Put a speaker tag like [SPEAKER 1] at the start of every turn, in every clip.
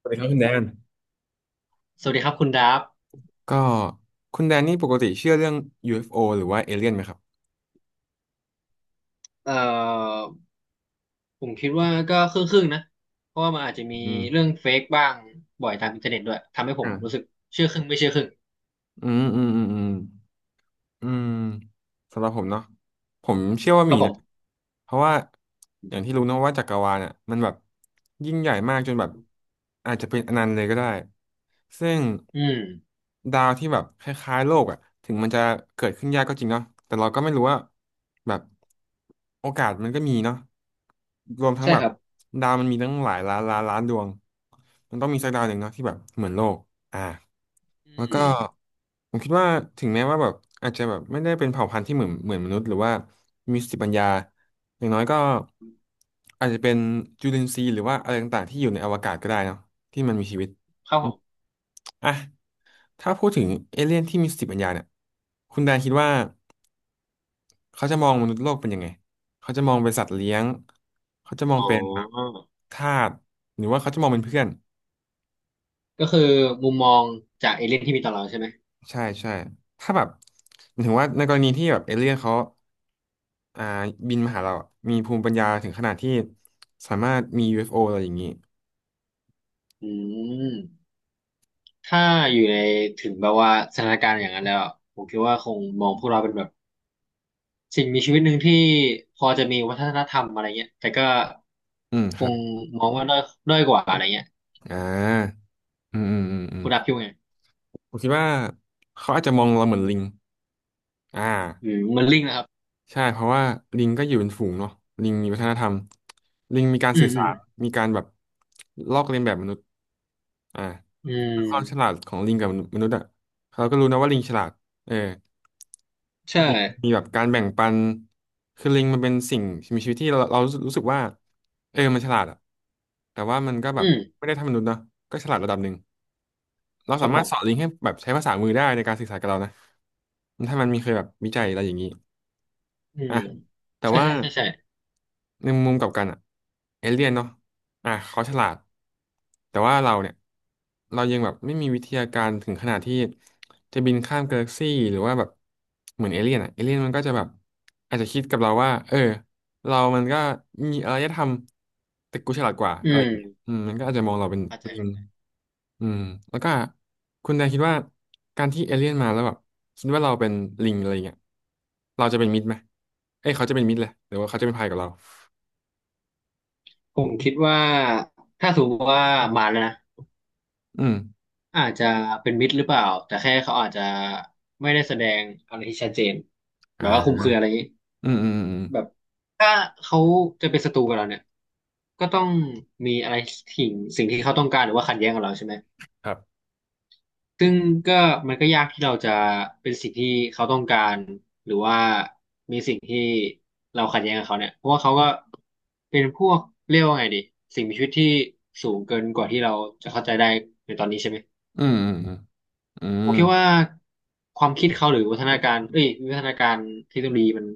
[SPEAKER 1] สวัสดีครับคุณแดน
[SPEAKER 2] สวัสดีครับคุณดับ
[SPEAKER 1] ก็คุณแดนนี่ปกติเชื่อเรื่อง UFO หรือว่าเอเลี่ยนไหมครับ
[SPEAKER 2] เอ่อผมคิดว่าก็ครึ่งๆนะ เพราะว่ามันอาจจะมี
[SPEAKER 1] อืม
[SPEAKER 2] เรื่องเฟกบ้างบ่อยตามอินเทอร์เน็ตด้วยทำให้ผม
[SPEAKER 1] อ่า
[SPEAKER 2] รู้สึกเชื่อครึ่งไม่เชื่อครึ่ง
[SPEAKER 1] อืมอืมอืมอืม อืมสำหรับผมเนาะผมเชื่อว่า
[SPEAKER 2] ครั
[SPEAKER 1] มี
[SPEAKER 2] บผ
[SPEAKER 1] นะ
[SPEAKER 2] ม
[SPEAKER 1] เพราะว่าอย่างที่รู้เนอะว่าจักรวาลเนี่ยมันแบบยิ่งใหญ่มากจนแบบอาจจะเป็นอนันต์เลยก็ได้ซึ่ง
[SPEAKER 2] อืม
[SPEAKER 1] ดาวที่แบบคล้ายๆโลกอ่ะถึงมันจะเกิดขึ้นยากก็จริงเนาะแต่เราก็ไม่รู้ว่าแบบโอกาสมันก็มีเนาะรวมทั้ง
[SPEAKER 2] ใช่
[SPEAKER 1] แบ
[SPEAKER 2] ค
[SPEAKER 1] บ
[SPEAKER 2] รับ
[SPEAKER 1] ดาวมันมีตั้งหลายล้านล้านล้านดวงมันต้องมีสักดาวหนึ่งเนาะที่แบบเหมือนโลกอ่า
[SPEAKER 2] อื
[SPEAKER 1] แล้วก็
[SPEAKER 2] ม
[SPEAKER 1] ผมคิดว่าถึงแม้ว่าแบบอาจจะแบบไม่ได้เป็นเผ่าพันธุ์ที่เหมือนมนุษย์หรือว่ามีสติปัญญาอย่างน้อยก็อาจจะเป็นจุลินทรีย์หรือว่าอะไรต่างๆที่อยู่ในอวกาศก็ได้เนาะที่มันมีชีวิต
[SPEAKER 2] ครับ
[SPEAKER 1] อื
[SPEAKER 2] ผ
[SPEAKER 1] ม
[SPEAKER 2] ม
[SPEAKER 1] อ่ะถ้าพูดถึงเอเลี่ยนที่มีสติปัญญาเนี่ยคุณแดนคิดว่าเขาจะมองมนุษย์โลกเป็นยังไงเขาจะมองเป็นสัตว์เลี้ยงเขาจะมอง
[SPEAKER 2] อ๋
[SPEAKER 1] เป็นแบบ
[SPEAKER 2] อ
[SPEAKER 1] ทาสหรือว่าเขาจะมองเป็นเพื่อน
[SPEAKER 2] ก็คือมุมมองจากเอเลี่ยนที่มีต่อเราใช่ไหม
[SPEAKER 1] ใช่ใช่ถ้าแบบหมายถึงว่าในกรณีที่แบบเอเลี่ยนเขา อ่าบินมาหาเราอะมีภูมิปัญญาถึงขนาดที่สามารถมี UFO อฟโออะไรอย่างนี้
[SPEAKER 2] อืมถ้าอยู่ในถึงแบบว่าสถานการณ์อย่างนั้นแล้วอะผมคิดว่าคงมองพวกเราเป็นแบบสิ่งมีชีวิตหนึ่งที่พอจะมีวัฒนธรรมอะไรเงี้ยแต่ก็
[SPEAKER 1] อืมค
[SPEAKER 2] ค
[SPEAKER 1] รับ
[SPEAKER 2] งมองว่าด้อยกว่าอะไรเงี้ย
[SPEAKER 1] อ่าอืม อืม อืม อืม
[SPEAKER 2] คุณดับคิดว่าไง
[SPEAKER 1] ผมคิดว่าเขาอาจจะมองเราเหมือนลิง อ่า
[SPEAKER 2] อืมมันลิงก์นะครับ
[SPEAKER 1] ใช่เพราะว่าลิงก็อยู่เป็นฝูงเนาะลิงมีวัฒนธรรมลิงมีการ
[SPEAKER 2] อื
[SPEAKER 1] สื่
[SPEAKER 2] ม
[SPEAKER 1] อ
[SPEAKER 2] อื
[SPEAKER 1] สา
[SPEAKER 2] ม
[SPEAKER 1] รมีการแบบลอกเลียนแบบมนุษย์อ่า
[SPEAKER 2] อืม
[SPEAKER 1] ความฉลาดของลิงกับมนุษย์อะเราก็รู้นะว่าลิงฉลาดเออ
[SPEAKER 2] ใช่
[SPEAKER 1] มีมีแบบการแบ่งปัน คือลิงมันเป็นสิ่งมีชีวิตที่เรารู้สึกว่าเออมันฉลาดอะแต่ว่ามันก็แบ
[SPEAKER 2] อื
[SPEAKER 1] บ
[SPEAKER 2] ม
[SPEAKER 1] ไม่ได้เทำมนุษย์เนาะก็ฉลาดระดับหนึ่ง เรา
[SPEAKER 2] ครั
[SPEAKER 1] สา
[SPEAKER 2] บผ
[SPEAKER 1] มารถ
[SPEAKER 2] ม
[SPEAKER 1] สอนลิงให้แบบใช้ภาษามือได้ในการสื่อสารกับเรานะถ้ามันมีเคยแบบวิจัยอะไรอย่างนี้
[SPEAKER 2] อื
[SPEAKER 1] อ่ะ
[SPEAKER 2] ม
[SPEAKER 1] แต่
[SPEAKER 2] ใช่
[SPEAKER 1] ว่า
[SPEAKER 2] ใช่ใช่ใช่
[SPEAKER 1] ในมุมกลับกันอะเอเลี่ยนเนาะอ่ะเขาฉลาดแต่ว่าเราเนี่ยเรายังแบบไม่มีวิทยาการถึงขนาดที่จะบินข้ามกาแล็กซี่หรือว่าแบบเหมือนเอเลี่ยนอะเอเลี่ยนมันก็จะแบบอาจจะคิดกับเราว่าเออเรามันก็มีอารยธรรมแต่กูฉลาดกว่า
[SPEAKER 2] อื
[SPEAKER 1] อะไร
[SPEAKER 2] ม
[SPEAKER 1] อย่างเงี้ยอืมมันก็อาจจะมองเราเป็น
[SPEAKER 2] เข้าใจ
[SPEAKER 1] ลิงอืมแล้วก็คุณนายคิดว่าการที่เอเลี่ยนมาแล้วแบบคิดว่าเราเป็นลิงอะไรเงี้ยเราจะเป็นมิตรไหมเอ้ยเขาจะเป็นมิตรเลยหรือว่าเขาจะเป็นภัยกับเรา
[SPEAKER 2] ผมคิดว่าถ้าสมมติว่ามาแล้วนะ
[SPEAKER 1] อืม
[SPEAKER 2] อาจจะเป็นมิตรหรือเปล่าแต่แค่เขาอาจจะไม่ได้แสดงอะไรที่ชัดเจนแบ
[SPEAKER 1] อ่
[SPEAKER 2] บว่าคุม
[SPEAKER 1] า
[SPEAKER 2] เครืออะไรอย่างนี้
[SPEAKER 1] อืม อืมอืม
[SPEAKER 2] แบบถ้าเขาจะเป็นศัตรูกับเราเนี่ยก็ต้องมีอะไรสิ่งสิ่งที่เขาต้องการหรือว่าขัดแย้งกับเราใช่ไหม
[SPEAKER 1] ครับ
[SPEAKER 2] ซึ่งก็มันก็ยากที่เราจะเป็นสิ่งที่เขาต้องการหรือว่ามีสิ่งที่เราขัดแย้งกับเขาเนี่ยเพราะว่าเขาก็เป็นพวกเรียกว่าไงดีสิ่งมีชีวิตที่สูงเกินกว่าที่เราจะเข้าใจได้ในตอนนี้ใช่ไหม
[SPEAKER 1] อืมอืมอืมอื
[SPEAKER 2] ผ
[SPEAKER 1] ม
[SPEAKER 2] มคิดว่าความคิดเขาหรือวัฒนาการเอ้ยวิวัฒนาการเทคโนโลยีมัน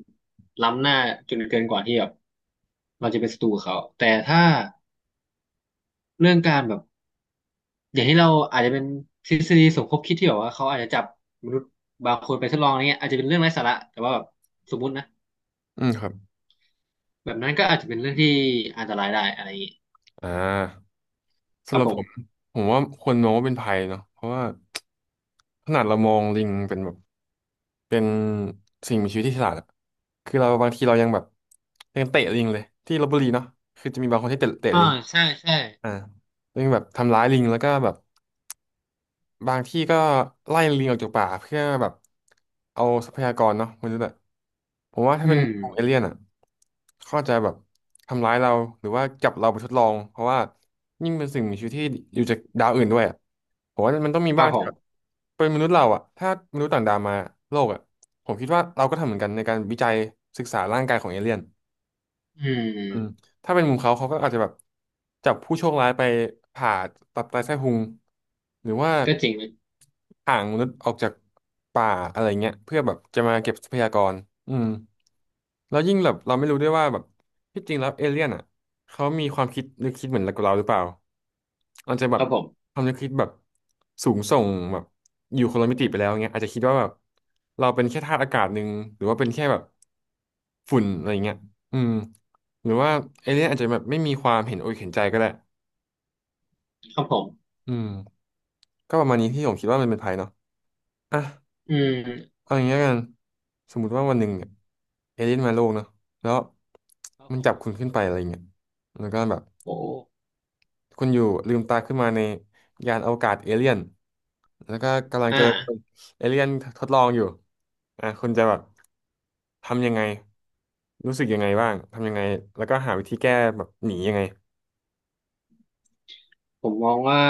[SPEAKER 2] ล้ำหน้าจนเกินกว่าที่แบบเราจะเป็นศัตรูกับเขาแต่ถ้าเรื่องการแบบ อย่างที่เราอาจจะเป็นทฤษฎีสมคบคิดที่แบบว่าเขาอาจจะจับมนุษย์บางคนไปทดลองอะไรเงี้ยอาจจะเป็นเรื่องไร้สาระแต่ว่าแบบสมมุตินะ
[SPEAKER 1] อืมครับ
[SPEAKER 2] แบบนั้นก็อาจจะเป็นเรื่องที่อันตรายได้อะไรอย่างงี้
[SPEAKER 1] อ่า
[SPEAKER 2] ค
[SPEAKER 1] สำ
[SPEAKER 2] รั
[SPEAKER 1] ห
[SPEAKER 2] บ
[SPEAKER 1] รับ
[SPEAKER 2] ผ
[SPEAKER 1] ผม
[SPEAKER 2] ม
[SPEAKER 1] ผมว่าควรมองว่าเป็นภัยเนาะเพราะว่าขนาดเรามองลิงเป็นแบบเป็นสิ่งมีชีวิตที่ฉลาดอะคือเราบางทีเรายังแบบยังเตะลิงเลยที่ลพบุรีเนาะคือจะมีบางคนที่เตะลิ
[SPEAKER 2] อ่า
[SPEAKER 1] ง
[SPEAKER 2] ใช่ใช่
[SPEAKER 1] อ่ายังแบบทำร้ายลิงแล้วก็แบบ บางที่ก็ไล่ลิงออกจากป่าเพื่อแบบเอาทรัพยากรเนาะมนุษย์อะผมว่าถ้า
[SPEAKER 2] อื
[SPEAKER 1] เป็น
[SPEAKER 2] ม
[SPEAKER 1] พวกเอเลี่ยนอะเขาอาจจะแบบทำร้ายเราหรือว่าจับเราไปทดลองเพราะว่ายิ่งเป็นสิ่งมีชีวิตที่อยู่จากดาวอื่นด้วยอะผมว่ามันต้องมี
[SPEAKER 2] ครั
[SPEAKER 1] บ้าง
[SPEAKER 2] บผ
[SPEAKER 1] ที่แบบ
[SPEAKER 2] ม
[SPEAKER 1] เป็นมนุษย์เราอะถ้ามนุษย์ต่างดาวมาโลกอะผมคิดว่าเราก็ทำเหมือนกันในการวิจัยศึกษาร่างกายของเอเลี่ยน
[SPEAKER 2] อืม
[SPEAKER 1] อืมถ้าเป็นมุมเขาเขาก็อาจจะแบบจับผู้โชคร้ายไปผ่าตับไตไส้พุงหรือว่า
[SPEAKER 2] ก็จริงนะ
[SPEAKER 1] ห่างมนุษย์ออกจากป่าอะไรเงี้ยเพื่อแบบจะมาเก็บทรัพยากรอืมแล้วยิ่งแบบเราไม่รู้ด้วยว่าแบบที่จริงแล้วเอเลี่ยนอ่ะเขามีความคิดนึกคิดเหมือนกับเราหรือเปล่าอาจจะแบ
[SPEAKER 2] ค
[SPEAKER 1] บ
[SPEAKER 2] รับผม
[SPEAKER 1] ความนึกคิดแบบสูงส่งแบบอยู่คนละมิติไปแล้วเงี้ยอาจจะคิดว่าแบบเราเป็นแค่ธาตุอากาศหนึ่งหรือว่าเป็นแค่แบบฝุ่นอะไรเงี้ยอืม หรือว่าเอเลี่ยนอาจจะแบบไม่มีความเห็นอกเห็นใจก็ได้
[SPEAKER 2] ครับผม
[SPEAKER 1] อืมก็ประมาณนี้ที่ผมคิดว่ามันเป็นภัยเนาะอ่ะ
[SPEAKER 2] อืม
[SPEAKER 1] เอาอย่างนี้แล้วกันสมมุติว่าวันหนึ่งเนี่ยเอเลี่ยนมาโลกเนาะแล้ว
[SPEAKER 2] ครับ
[SPEAKER 1] มัน
[SPEAKER 2] ผ
[SPEAKER 1] จั
[SPEAKER 2] ม
[SPEAKER 1] บคุณขึ้นไปอะไรเงี้ยแล้วก็แบบ
[SPEAKER 2] โอ้
[SPEAKER 1] คุณอยู่ลืมตาขึ้นมาในยานอวกาศเอเลี่ยนแล้วก็กำลัง
[SPEAKER 2] อ่า
[SPEAKER 1] จะเอเลี่ยนทดลองอยู่อ่ะคุณจะแบบทำยังไง รู้สึกยังไงบ้าง ทำยังไงแล้วก็หาวิธีแก้แบบหนียังไง
[SPEAKER 2] ผมมองว่า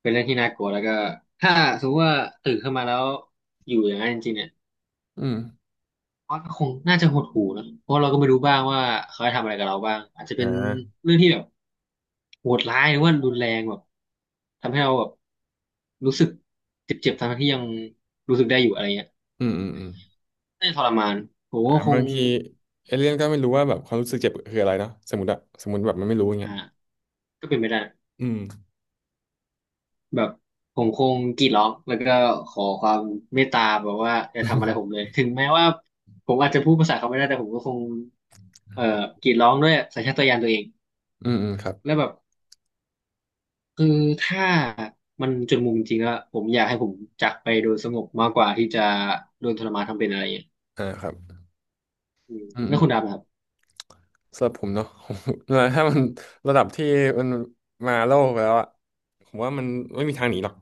[SPEAKER 2] เป็นเรื่องที่น่ากลัวแล้วก็ถ้าสมมติว่าตื่นขึ้นมาแล้วอยู่อย่างนั้นจริงๆเนี่ย
[SPEAKER 1] อืม
[SPEAKER 2] ก็คงน่าจะหดหู่นะเพราะเราก็ไม่รู้บ้างว่าเขาจะทำอะไรกับเราบ้างอาจจะ
[SPEAKER 1] อ่
[SPEAKER 2] เป็น
[SPEAKER 1] า
[SPEAKER 2] เรื่องที่แบบโหดร้ายหรือว่ารุนแรงแบบทำให้เราแบบรู้สึกเจ็บๆทั้งที่ยังรู้สึกได้อยู่อะไรเงี้ย
[SPEAKER 1] อืมอืมอืม
[SPEAKER 2] น่าจะทรมานผม
[SPEAKER 1] อ่า
[SPEAKER 2] ก็ค
[SPEAKER 1] บา
[SPEAKER 2] ง
[SPEAKER 1] งทีเอเลี่ยนก็ไม่รู้ว่าแบบความรู้สึกเจ็บคืออะไรเนาะสมมติอะสมมติแบบมันไม่รู้อย่างเงี้
[SPEAKER 2] อ่า
[SPEAKER 1] ย
[SPEAKER 2] ก็เป็นไปได้
[SPEAKER 1] อืม
[SPEAKER 2] แบบผมคงกรีดร้องแล้วก็ขอความเมตตาแบบว่าอย่าทำอะไรผมเลยถึงแม้ว่าผมอาจจะพูดภาษาเขาไม่ได้แต่ผมก็คงเอ่อกรีดร้องด้วยสัญชาตญาณตัวเอง
[SPEAKER 1] อืมอืมครับ
[SPEAKER 2] แล้วแบบ คือถ้ามันจนมุมจริงๆอะผมอยากให้ผมจากไปโดยสงบมากกว่าที่จะโดนทรมานทำเป็นอะไรอย่างเงี้ย
[SPEAKER 1] อ่าครับ
[SPEAKER 2] อืม
[SPEAKER 1] อืม
[SPEAKER 2] แล้ว
[SPEAKER 1] อืม
[SPEAKER 2] คุณดำนะครับ
[SPEAKER 1] สำหรับผมเนาะ ผมถ้ามันระดับที่มันมาโลกแล้วอะผมว่ามันไม่มีทางหนีหรอก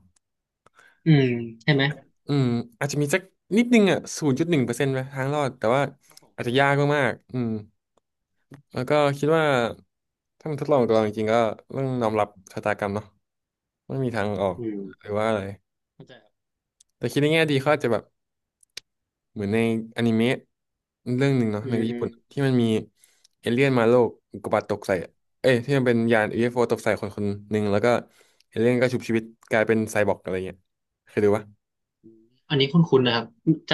[SPEAKER 2] อืมใช่ไหม
[SPEAKER 1] อืมอาจจะมีสักนิดนึงอะ0.1%ไหมทางรอดแต่ว่า
[SPEAKER 2] ครับผ
[SPEAKER 1] อาจจะ
[SPEAKER 2] ม
[SPEAKER 1] ยากมากๆอืมแล้วก็คิดว่าถ้ามันทดลองกับเราจริงๆก็ต้องยอมรับชะตากรรมเนาะไม่มีทางออก
[SPEAKER 2] อืม
[SPEAKER 1] หรือว่าอะไร
[SPEAKER 2] เข้าใจครับ
[SPEAKER 1] แต่คิดในแง่ดีเขาอาจจะแบบ เหมือนในอนิเมะเรื่องหนึ่งเนาะ
[SPEAKER 2] อื
[SPEAKER 1] ในญี่ปุ่น
[SPEAKER 2] ม
[SPEAKER 1] ที่มันมีเอเลี่ยนมาโลกอุกกาบาตตกใส่อะเอ้ยที่มันเป็นยานยูเอฟโอตกใส่คนคนหนึ่งแล้วก็เอเลี่ยนก็ชุบชีวิตกลายเป็นไซบอร์กอะไรเงี้ยเคยดูปะ
[SPEAKER 2] อันนี้คุ้นๆนะครับจ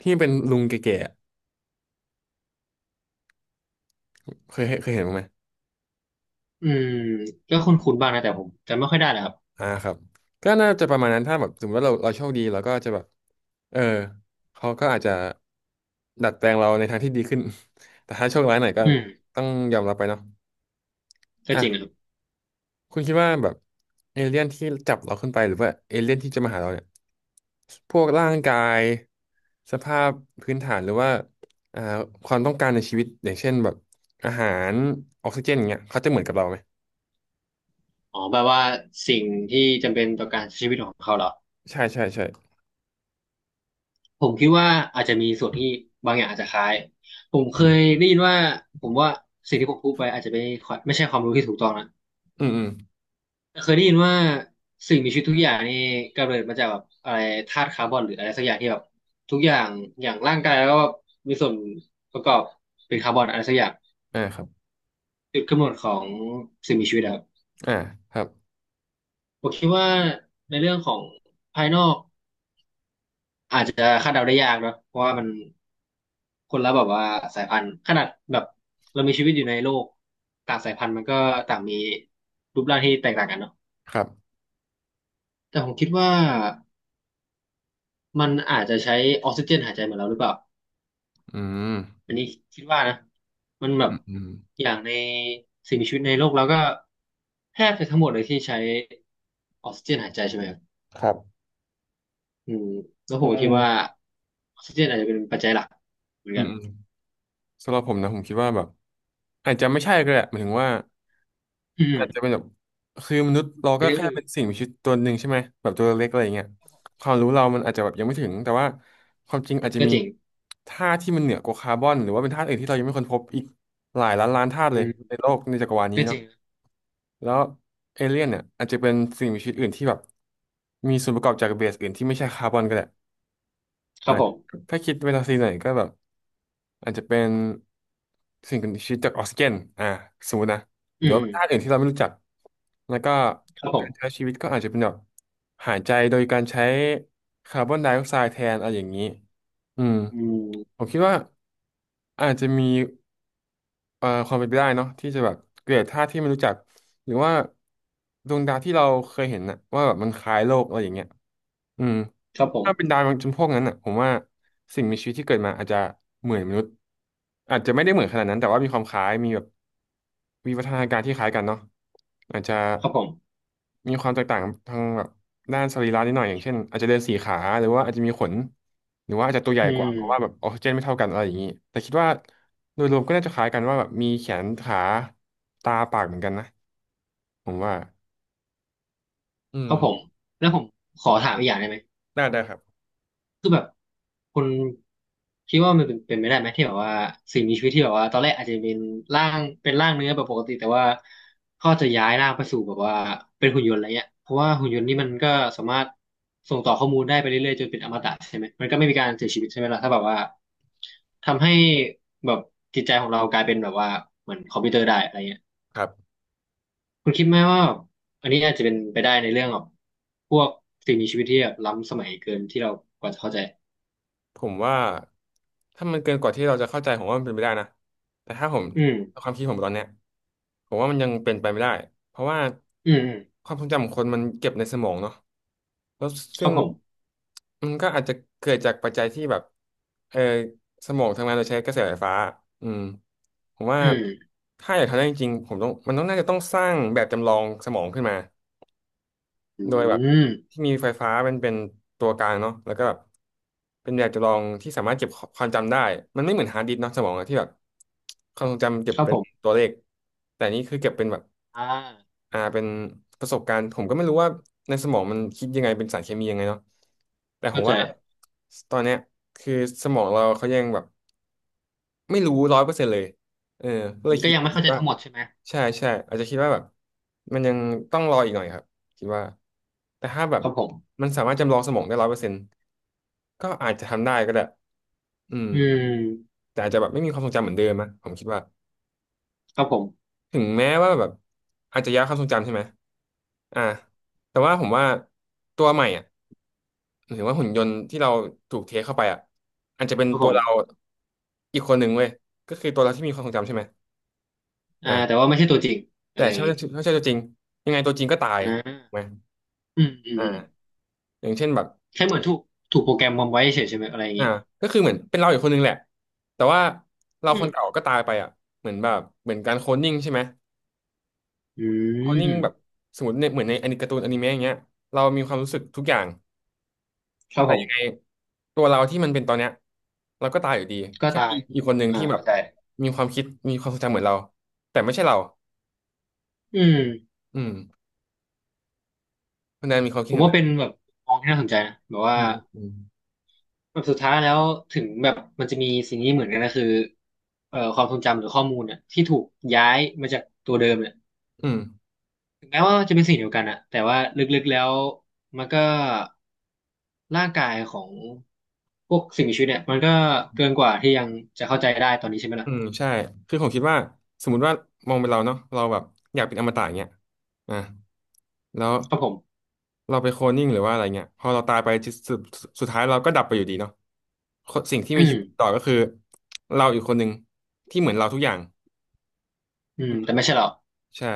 [SPEAKER 1] ที่มันเป็นลุงแก่ๆอะเคยเห็นบ้างไหม
[SPEAKER 2] ำอืมก็คุ้นๆบ้างนะแต่ผมจำไม่ค่อยได้นะครับ
[SPEAKER 1] อ่าครับก็น่าจะประมาณนั้นถ้าแบบสมมติว่าเราโชคดีเราก็จะแบบเออเขาก็อาจจะดัดแปลงเราในทางที่ดีขึ้น แต่ถ้าโชคร้ายหน่อยก็
[SPEAKER 2] อืม
[SPEAKER 1] ต้องยอมรับไปเนาะ
[SPEAKER 2] ก็
[SPEAKER 1] อ่ะ
[SPEAKER 2] จริงนะครับ
[SPEAKER 1] คุณคิดว่าแบบเอเลี่ยนที่จับเราขึ้นไปหรือว่าเอเลี่ยนที่จะมาหาเราเนี่ยพวกร่างกายสภาพพื้นฐานหรือว่าอ่าความต้องการในชีวิตอย่างเช่นแบบอาหารออกซิเจนอย่างเงี้ยเขาจะเหมือนกับเราไหม
[SPEAKER 2] อ๋อแปลว่าสิ่งที่จำเป็นต่อการใช้ชีวิตของเขาเหรอ
[SPEAKER 1] ใช่ใช่ใช่
[SPEAKER 2] ผมคิดว่าอาจจะมีส่วนที่บางอย่างอาจจะคล้ายผมเค
[SPEAKER 1] อื
[SPEAKER 2] ย
[SPEAKER 1] ม
[SPEAKER 2] ได้ยินว่าผมว่าสิ่งที่ผมพูดไปอาจจะไม่ค่อยไม่ใช่ความรู้ที่ถูกต้องนะ
[SPEAKER 1] อืมอืม
[SPEAKER 2] เคยได้ยินว่าสิ่งมีชีวิตทุกอย่างนี่กำเนิดมาจากแบบอะไรธาตุคาร์บอนหรืออะไรสักอย่างที่แบบทุกอย่างอย่างร่างกายแล้วก็มีส่วนประกอบเป็นคาร์บอนอะไรสักอย่าง
[SPEAKER 1] อ่าครับ
[SPEAKER 2] จุดกำเนิดของสิ่งมีชีวิตอะครับ
[SPEAKER 1] อ่าครับ
[SPEAKER 2] ผมคิดว่าในเรื่องของภายนอกอาจจะคาดเดาได้ยากเนอะเพราะว่ามันคนละแบบว่าสายพันธุ์ขนาดแบบเรามีชีวิตอยู่ในโลกต่างสายพันธุ์มันก็ต่างมีรูปร่างที่แตกต่างกันเนาะ
[SPEAKER 1] ครับ
[SPEAKER 2] แต่ผมคิดว่ามันอาจจะใช้ออกซิเจนหายใจเหมือนเราหรือเปล่า
[SPEAKER 1] อืม
[SPEAKER 2] อันนี้คิดว่านะมันแบบ
[SPEAKER 1] อืม
[SPEAKER 2] อย่างในสิ่งมีชีวิตในโลกเราก็แทบจะทั้งหมดเลยที่ใช้ออกซิเจนหายใจใช่ไหมครับ
[SPEAKER 1] ครับ
[SPEAKER 2] อืมแล้วผ
[SPEAKER 1] อื
[SPEAKER 2] มก็คิ
[SPEAKER 1] ม
[SPEAKER 2] ดว่าออกซิเจนอาจจะเป็นปัจจัยหลักเหมือน
[SPEAKER 1] อื
[SPEAKER 2] กั
[SPEAKER 1] ม
[SPEAKER 2] น
[SPEAKER 1] อืมสำหรับผมนะผมคิดว่าแบบอาจจะไม่ใช่ก็ได้หมายถึงว่า
[SPEAKER 2] อืม
[SPEAKER 1] อาจจะเป็นแบบคือมนุษย์เรา
[SPEAKER 2] ใน
[SPEAKER 1] ก็
[SPEAKER 2] เรื่อง
[SPEAKER 1] แค่เป็
[SPEAKER 2] อื่
[SPEAKER 1] น
[SPEAKER 2] น
[SPEAKER 1] สิ่งมีชีวิตตัวหนึ่งใช่ไหมแบบตัวเล็กอะไรอย่างเงี้ยความรู้เรามันอาจจะแบบยังไม่ถึงแต่ว่าความจริงอาจจะ
[SPEAKER 2] ก็
[SPEAKER 1] มี
[SPEAKER 2] จริง
[SPEAKER 1] ธาตุที่มันเหนือกว่าคาร์บอนหรือว่าเป็นธาตุอื่นที่เรายังไม่ค้นพบอีกหลายล้านล้านธาตุเล
[SPEAKER 2] อื
[SPEAKER 1] ยใน
[SPEAKER 2] ม
[SPEAKER 1] โลกในจักรวาลนี้
[SPEAKER 2] ก็จ
[SPEAKER 1] เนาะ
[SPEAKER 2] ริง
[SPEAKER 1] แล้วเอเลี่ยนเนี่ยอาจจะเป็นสิ่งมีชีวิตอื่นที่แบบมีส่วนประกอบจากเบสอื่นที่ไม่ใช่คาร์บอนก็ได้
[SPEAKER 2] ค
[SPEAKER 1] อ่า
[SPEAKER 2] รับผม
[SPEAKER 1] ถ้าคิดเวลาซีหน่อยก็แบบ อาจจะเป็นสิ่งมีชีวิตจากออกซิเจนอ่าสมมตินะห
[SPEAKER 2] อื
[SPEAKER 1] รือ
[SPEAKER 2] ม
[SPEAKER 1] ว่า
[SPEAKER 2] อืม
[SPEAKER 1] ธาตุอื่นที่เราไม่รู้จักแล้วก็
[SPEAKER 2] ครับผ
[SPEAKER 1] การใช้
[SPEAKER 2] ม
[SPEAKER 1] ชีวิตก็อาจจะเป็นแบบหายใจโดยการใช้คาร์บอนไดออกไซด์แทนอะไรอย่างนี้อืม
[SPEAKER 2] อืม
[SPEAKER 1] ผมคิดว่าอาจจะมีความเป็นไปได้เนาะที่จะแบบเกิดธาตุที่ไม่รู้จักหรือว่าดวงดาวที่เราเคยเห็นนะว่าแบบมันคล้ายโลกอะไรอย่างเงี้ย อืม
[SPEAKER 2] ครับผม
[SPEAKER 1] ถ้าเป็นดาวจำพวกนั้นอ่ะผมว่าสิ่งมีชีวิตที่เกิดมาอาจจะเหมือนมนุษย์อาจจะไม่ได้เหมือนขนาดนั้นแต่ว่ามีความคล้ายมีแบบวิวัฒนาการที่คล้ายกันเนาะอาจจะ
[SPEAKER 2] ครับผม
[SPEAKER 1] มีความแตกต่างทางแบบด้านสรีระนิดหน่อยอย่างเช่นอาจจะเดินสี่ขาหรือว่าอาจจะมีขนหรือว่าอาจจะตัวใหญ่
[SPEAKER 2] อื
[SPEAKER 1] กว่าเพราะว่าแบบ
[SPEAKER 2] ม
[SPEAKER 1] ออกซิเจนไม่เท่ากันอะไรอย่างนี้แต่คิดว่าโดยรวมก็น่าจะคล้ายกันว่าแบบมีแขนขาตาปากเหมือนกันนะผมว่าอื
[SPEAKER 2] ค
[SPEAKER 1] ม
[SPEAKER 2] รับผมแล้วผมขอถามอีกอย่างได้ไหม
[SPEAKER 1] ได้ได้ครับ
[SPEAKER 2] คือแบบคนคิดว่ามันเป็นเป็นไปได้ไหมที่แบบว่าสิ่งมีชีวิตที่แบบว่าตอนแรกอาจจะเป็นร่างเป็นร่างเนื้อแบบปกติแต่ว่าเขาจะย้ายร่างไปสู่แบบว่าเป็นหุ่นยนต์อะไรเงี้ยเพราะว่าหุ่นยนต์นี่มันก็สามารถส่งต่อข้อมูลได้ไปเรื่อยๆจนเป็นอมตะใช่ไหมมันก็ไม่มีการเสียชีวิตใช่ไหมล่ะถ้าแบบว่าทำให้แบบจิตใจของเรากลายเป็นแบบว่าเหมือนคอมพิวเตอร์ได้อะไรเงี้ย
[SPEAKER 1] ครับ
[SPEAKER 2] คุณคิดไหมว่าอันนี้อาจจะเป็นไปได้ในเรื่องแบบพวกสิ่งมีชีวิตที่แบบล้ำสมัยเกินที่เรากว่าจะเข้าใจ
[SPEAKER 1] ผมว่าถ้ามันเกินกว่าที่เราจะเข้าใจผมว่ามันเป็นไปได้นะแต่ถ้าผม
[SPEAKER 2] อืม
[SPEAKER 1] ความคิดผมตอนเนี้ยผมว่ามันยังเป็นไปไม่ได้เพราะว่า
[SPEAKER 2] อืมอืม
[SPEAKER 1] ความทรงจำของคนมันเก็บในสมองเนาะแล้ว
[SPEAKER 2] ค
[SPEAKER 1] ซึ่
[SPEAKER 2] รั
[SPEAKER 1] ง
[SPEAKER 2] บผม
[SPEAKER 1] มันก็อาจจะเกิดจากปัจจัยที่แบบเออสมองทำงานโดยใช้กระแสไฟฟ้าอืมผมว่า
[SPEAKER 2] อืม
[SPEAKER 1] ถ้าอยากทำได้จริงๆผมต้องมันต้องน่าจะต้องสร้างแบบจำลองสมองขึ้นมา
[SPEAKER 2] อื
[SPEAKER 1] โดยแบบ
[SPEAKER 2] ม
[SPEAKER 1] ที่มีไฟฟ้าเป็นตัวกลางเนาะแล้วก็แบบเป็นแบบจำลองที่สามารถเก็บความจำได้มันไม่เหมือนฮาร์ดดิสก์เนาะสมองอะที่แบบความทรงจำเก็บ
[SPEAKER 2] ครับ
[SPEAKER 1] เป็
[SPEAKER 2] ผ
[SPEAKER 1] น
[SPEAKER 2] ม
[SPEAKER 1] ตัวเลขแต่นี่คือเก็บเป็นแบบ
[SPEAKER 2] อ่า
[SPEAKER 1] อ่าเป็นประสบการณ์ผมก็ไม่รู้ว่าในสมองมันคิดยังไงเป็นสารเคมียังไงเนาะแต่ผ
[SPEAKER 2] เข้า
[SPEAKER 1] ม
[SPEAKER 2] ใจ
[SPEAKER 1] ว่าตอนเนี้ยคือสมองเราเขายังแบบ ไม่รู้ร้อยเปอร์เซ็นต์เลยเออก็เลย
[SPEAKER 2] ก็
[SPEAKER 1] คิด
[SPEAKER 2] ยังไม่เข้าใจ
[SPEAKER 1] ว่า
[SPEAKER 2] ทั้งหมดใช่ไหม
[SPEAKER 1] ใช่ใช่อาจจะคิดว่าแบบมันยังต้องรออีกหน่อยครับคิดว่าแต่ถ้าแบบ
[SPEAKER 2] ครับผม
[SPEAKER 1] มันสามารถจำลองสมองได้ร้อยเปอร์เซ็นต์ก็อาจจะทำได้ก็ได้อืม
[SPEAKER 2] อืม
[SPEAKER 1] แต่อาจจะแบบไม่มีความทรงจำเหมือนเดิมนะผมคิดว่า
[SPEAKER 2] ครับผม
[SPEAKER 1] ถึงแม้ว่าแบบอาจจะย้ายความทรงจำใช่ไหมอ่าแต่ว่าผมว่าตัวใหม่อ่ะหรือว่าหุ่นยนต์ที่เราถูกเทคเข้าไปอ่ะอาจจะเป็น
[SPEAKER 2] ครับ
[SPEAKER 1] ตั
[SPEAKER 2] ผ
[SPEAKER 1] วเรา
[SPEAKER 2] ม
[SPEAKER 1] อีกคนหนึ่งเว้ยก็คือตัวเราที่มีความทรงจำใช่ไหม
[SPEAKER 2] อ่าแต่ว่าไม่ใช่ตัวจริงอะ
[SPEAKER 1] แต่
[SPEAKER 2] ไรอย่าง
[SPEAKER 1] ถ้า
[SPEAKER 2] งี้
[SPEAKER 1] ใช่ตัวจริงยังไงตัวจริงก็ตาย
[SPEAKER 2] อ่
[SPEAKER 1] ถูกไหม
[SPEAKER 2] าอืมอืม
[SPEAKER 1] อ่า
[SPEAKER 2] อืม
[SPEAKER 1] อย่างเช่นแบบ
[SPEAKER 2] แค่เหมือนถูกโปรแกรมวางไว้เฉยใช่ไหมอะไรอย่าง
[SPEAKER 1] อ่า
[SPEAKER 2] งี้
[SPEAKER 1] ก็คือเหมือนเป็นเราอีกคนนึงแหละแต่ว่าเรา
[SPEAKER 2] อื
[SPEAKER 1] ค
[SPEAKER 2] ม
[SPEAKER 1] นเก่าก็ตายไปอ่ะเหมือนแบบเหมือนการ
[SPEAKER 2] ครั
[SPEAKER 1] โค
[SPEAKER 2] บ
[SPEAKER 1] ล
[SPEAKER 2] ผ
[SPEAKER 1] น
[SPEAKER 2] ม
[SPEAKER 1] นิ่งใช่ไหม
[SPEAKER 2] อื
[SPEAKER 1] โคลนนิ่งแบบ
[SPEAKER 2] ม
[SPEAKER 1] สมมติในเหมือนในอนิการ์ตูนอนิเมะอย่างเงี้ยเรามีความรู้สึกทุกอย่าง
[SPEAKER 2] ครับ
[SPEAKER 1] แต่
[SPEAKER 2] ผ
[SPEAKER 1] ยังไง
[SPEAKER 2] ม
[SPEAKER 1] ตัวเราที่มันเป็นตอนเนี้ยเราก็ตายอยู่ดี
[SPEAKER 2] ก็
[SPEAKER 1] แค่
[SPEAKER 2] ตา
[SPEAKER 1] มี
[SPEAKER 2] ย
[SPEAKER 1] อีกคนหนึ่ง
[SPEAKER 2] อ่า
[SPEAKER 1] ที่แบบ
[SPEAKER 2] เข้าใจ
[SPEAKER 1] มีความคิดมีความทรงจำเหมือนเราแต่ไม่ใช่เรา
[SPEAKER 2] อืม
[SPEAKER 1] อืมคุณแดนมีความ
[SPEAKER 2] ผ
[SPEAKER 1] คิด
[SPEAKER 2] ม
[SPEAKER 1] เห็นอะ
[SPEAKER 2] ว่าเป็น
[SPEAKER 1] ไร
[SPEAKER 2] แบบมองที่น่าสนใจนะแบบว่า
[SPEAKER 1] อืมอืม
[SPEAKER 2] แบบสุดท้ายแล้วถึงแบบมันจะมีสิ่งนี้เหมือนกันนะคือเอ่อความทรงจำหรือข้อมูลเนี่ยที่ถูกย้ายมาจากตัวเดิมเนี่ย
[SPEAKER 1] อืม
[SPEAKER 2] ถึงแม้ว่าจะเป็นสิ่งเดียวกันอะแต่ว่าลึกๆแล้วมันก็ร่างกายของพวกสิ่งมีชีวิตเนี่ยมันก็เกินกว่าที่ยังจะเข้าใจได้ตอนนี้ใช่ไหม
[SPEAKER 1] อื
[SPEAKER 2] ล่ะ
[SPEAKER 1] มใช่คือผมคิดว่าสมมติว่ามองเป็นเราเนาะเราแบบอยากเป็นอมตะอย่างเงี้ยอ่ะแล้ว
[SPEAKER 2] ครับผม
[SPEAKER 1] เราไปโคลนนิ่งหรือว่าอะไรเงี้ยพอเราตายไปจุดสุดสุดท้ายเราก็ดับไปอยู่ดีเนาะคนสิ่งที่
[SPEAKER 2] อื
[SPEAKER 1] มีชี
[SPEAKER 2] ม
[SPEAKER 1] วิตต่อก็คือเราอีกคนหนึ่งที่เหมือนเราทุกอย่าง
[SPEAKER 2] อืม
[SPEAKER 1] อืม
[SPEAKER 2] แต่ไม่ใช่หรอก
[SPEAKER 1] ใช่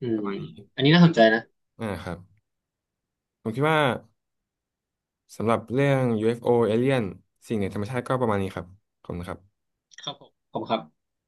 [SPEAKER 2] อื
[SPEAKER 1] ประ
[SPEAKER 2] ม
[SPEAKER 1] มาณนี้
[SPEAKER 2] อันนี้น่าสนใจนะ
[SPEAKER 1] อ่าครับผมคิดว่าสำหรับเรื่อง UFO a l i ย n สิ่งเหนือธรรมชาติก็ประมาณนี้ครับขอบคุณครับ
[SPEAKER 2] ครับผมขอบคุณครับ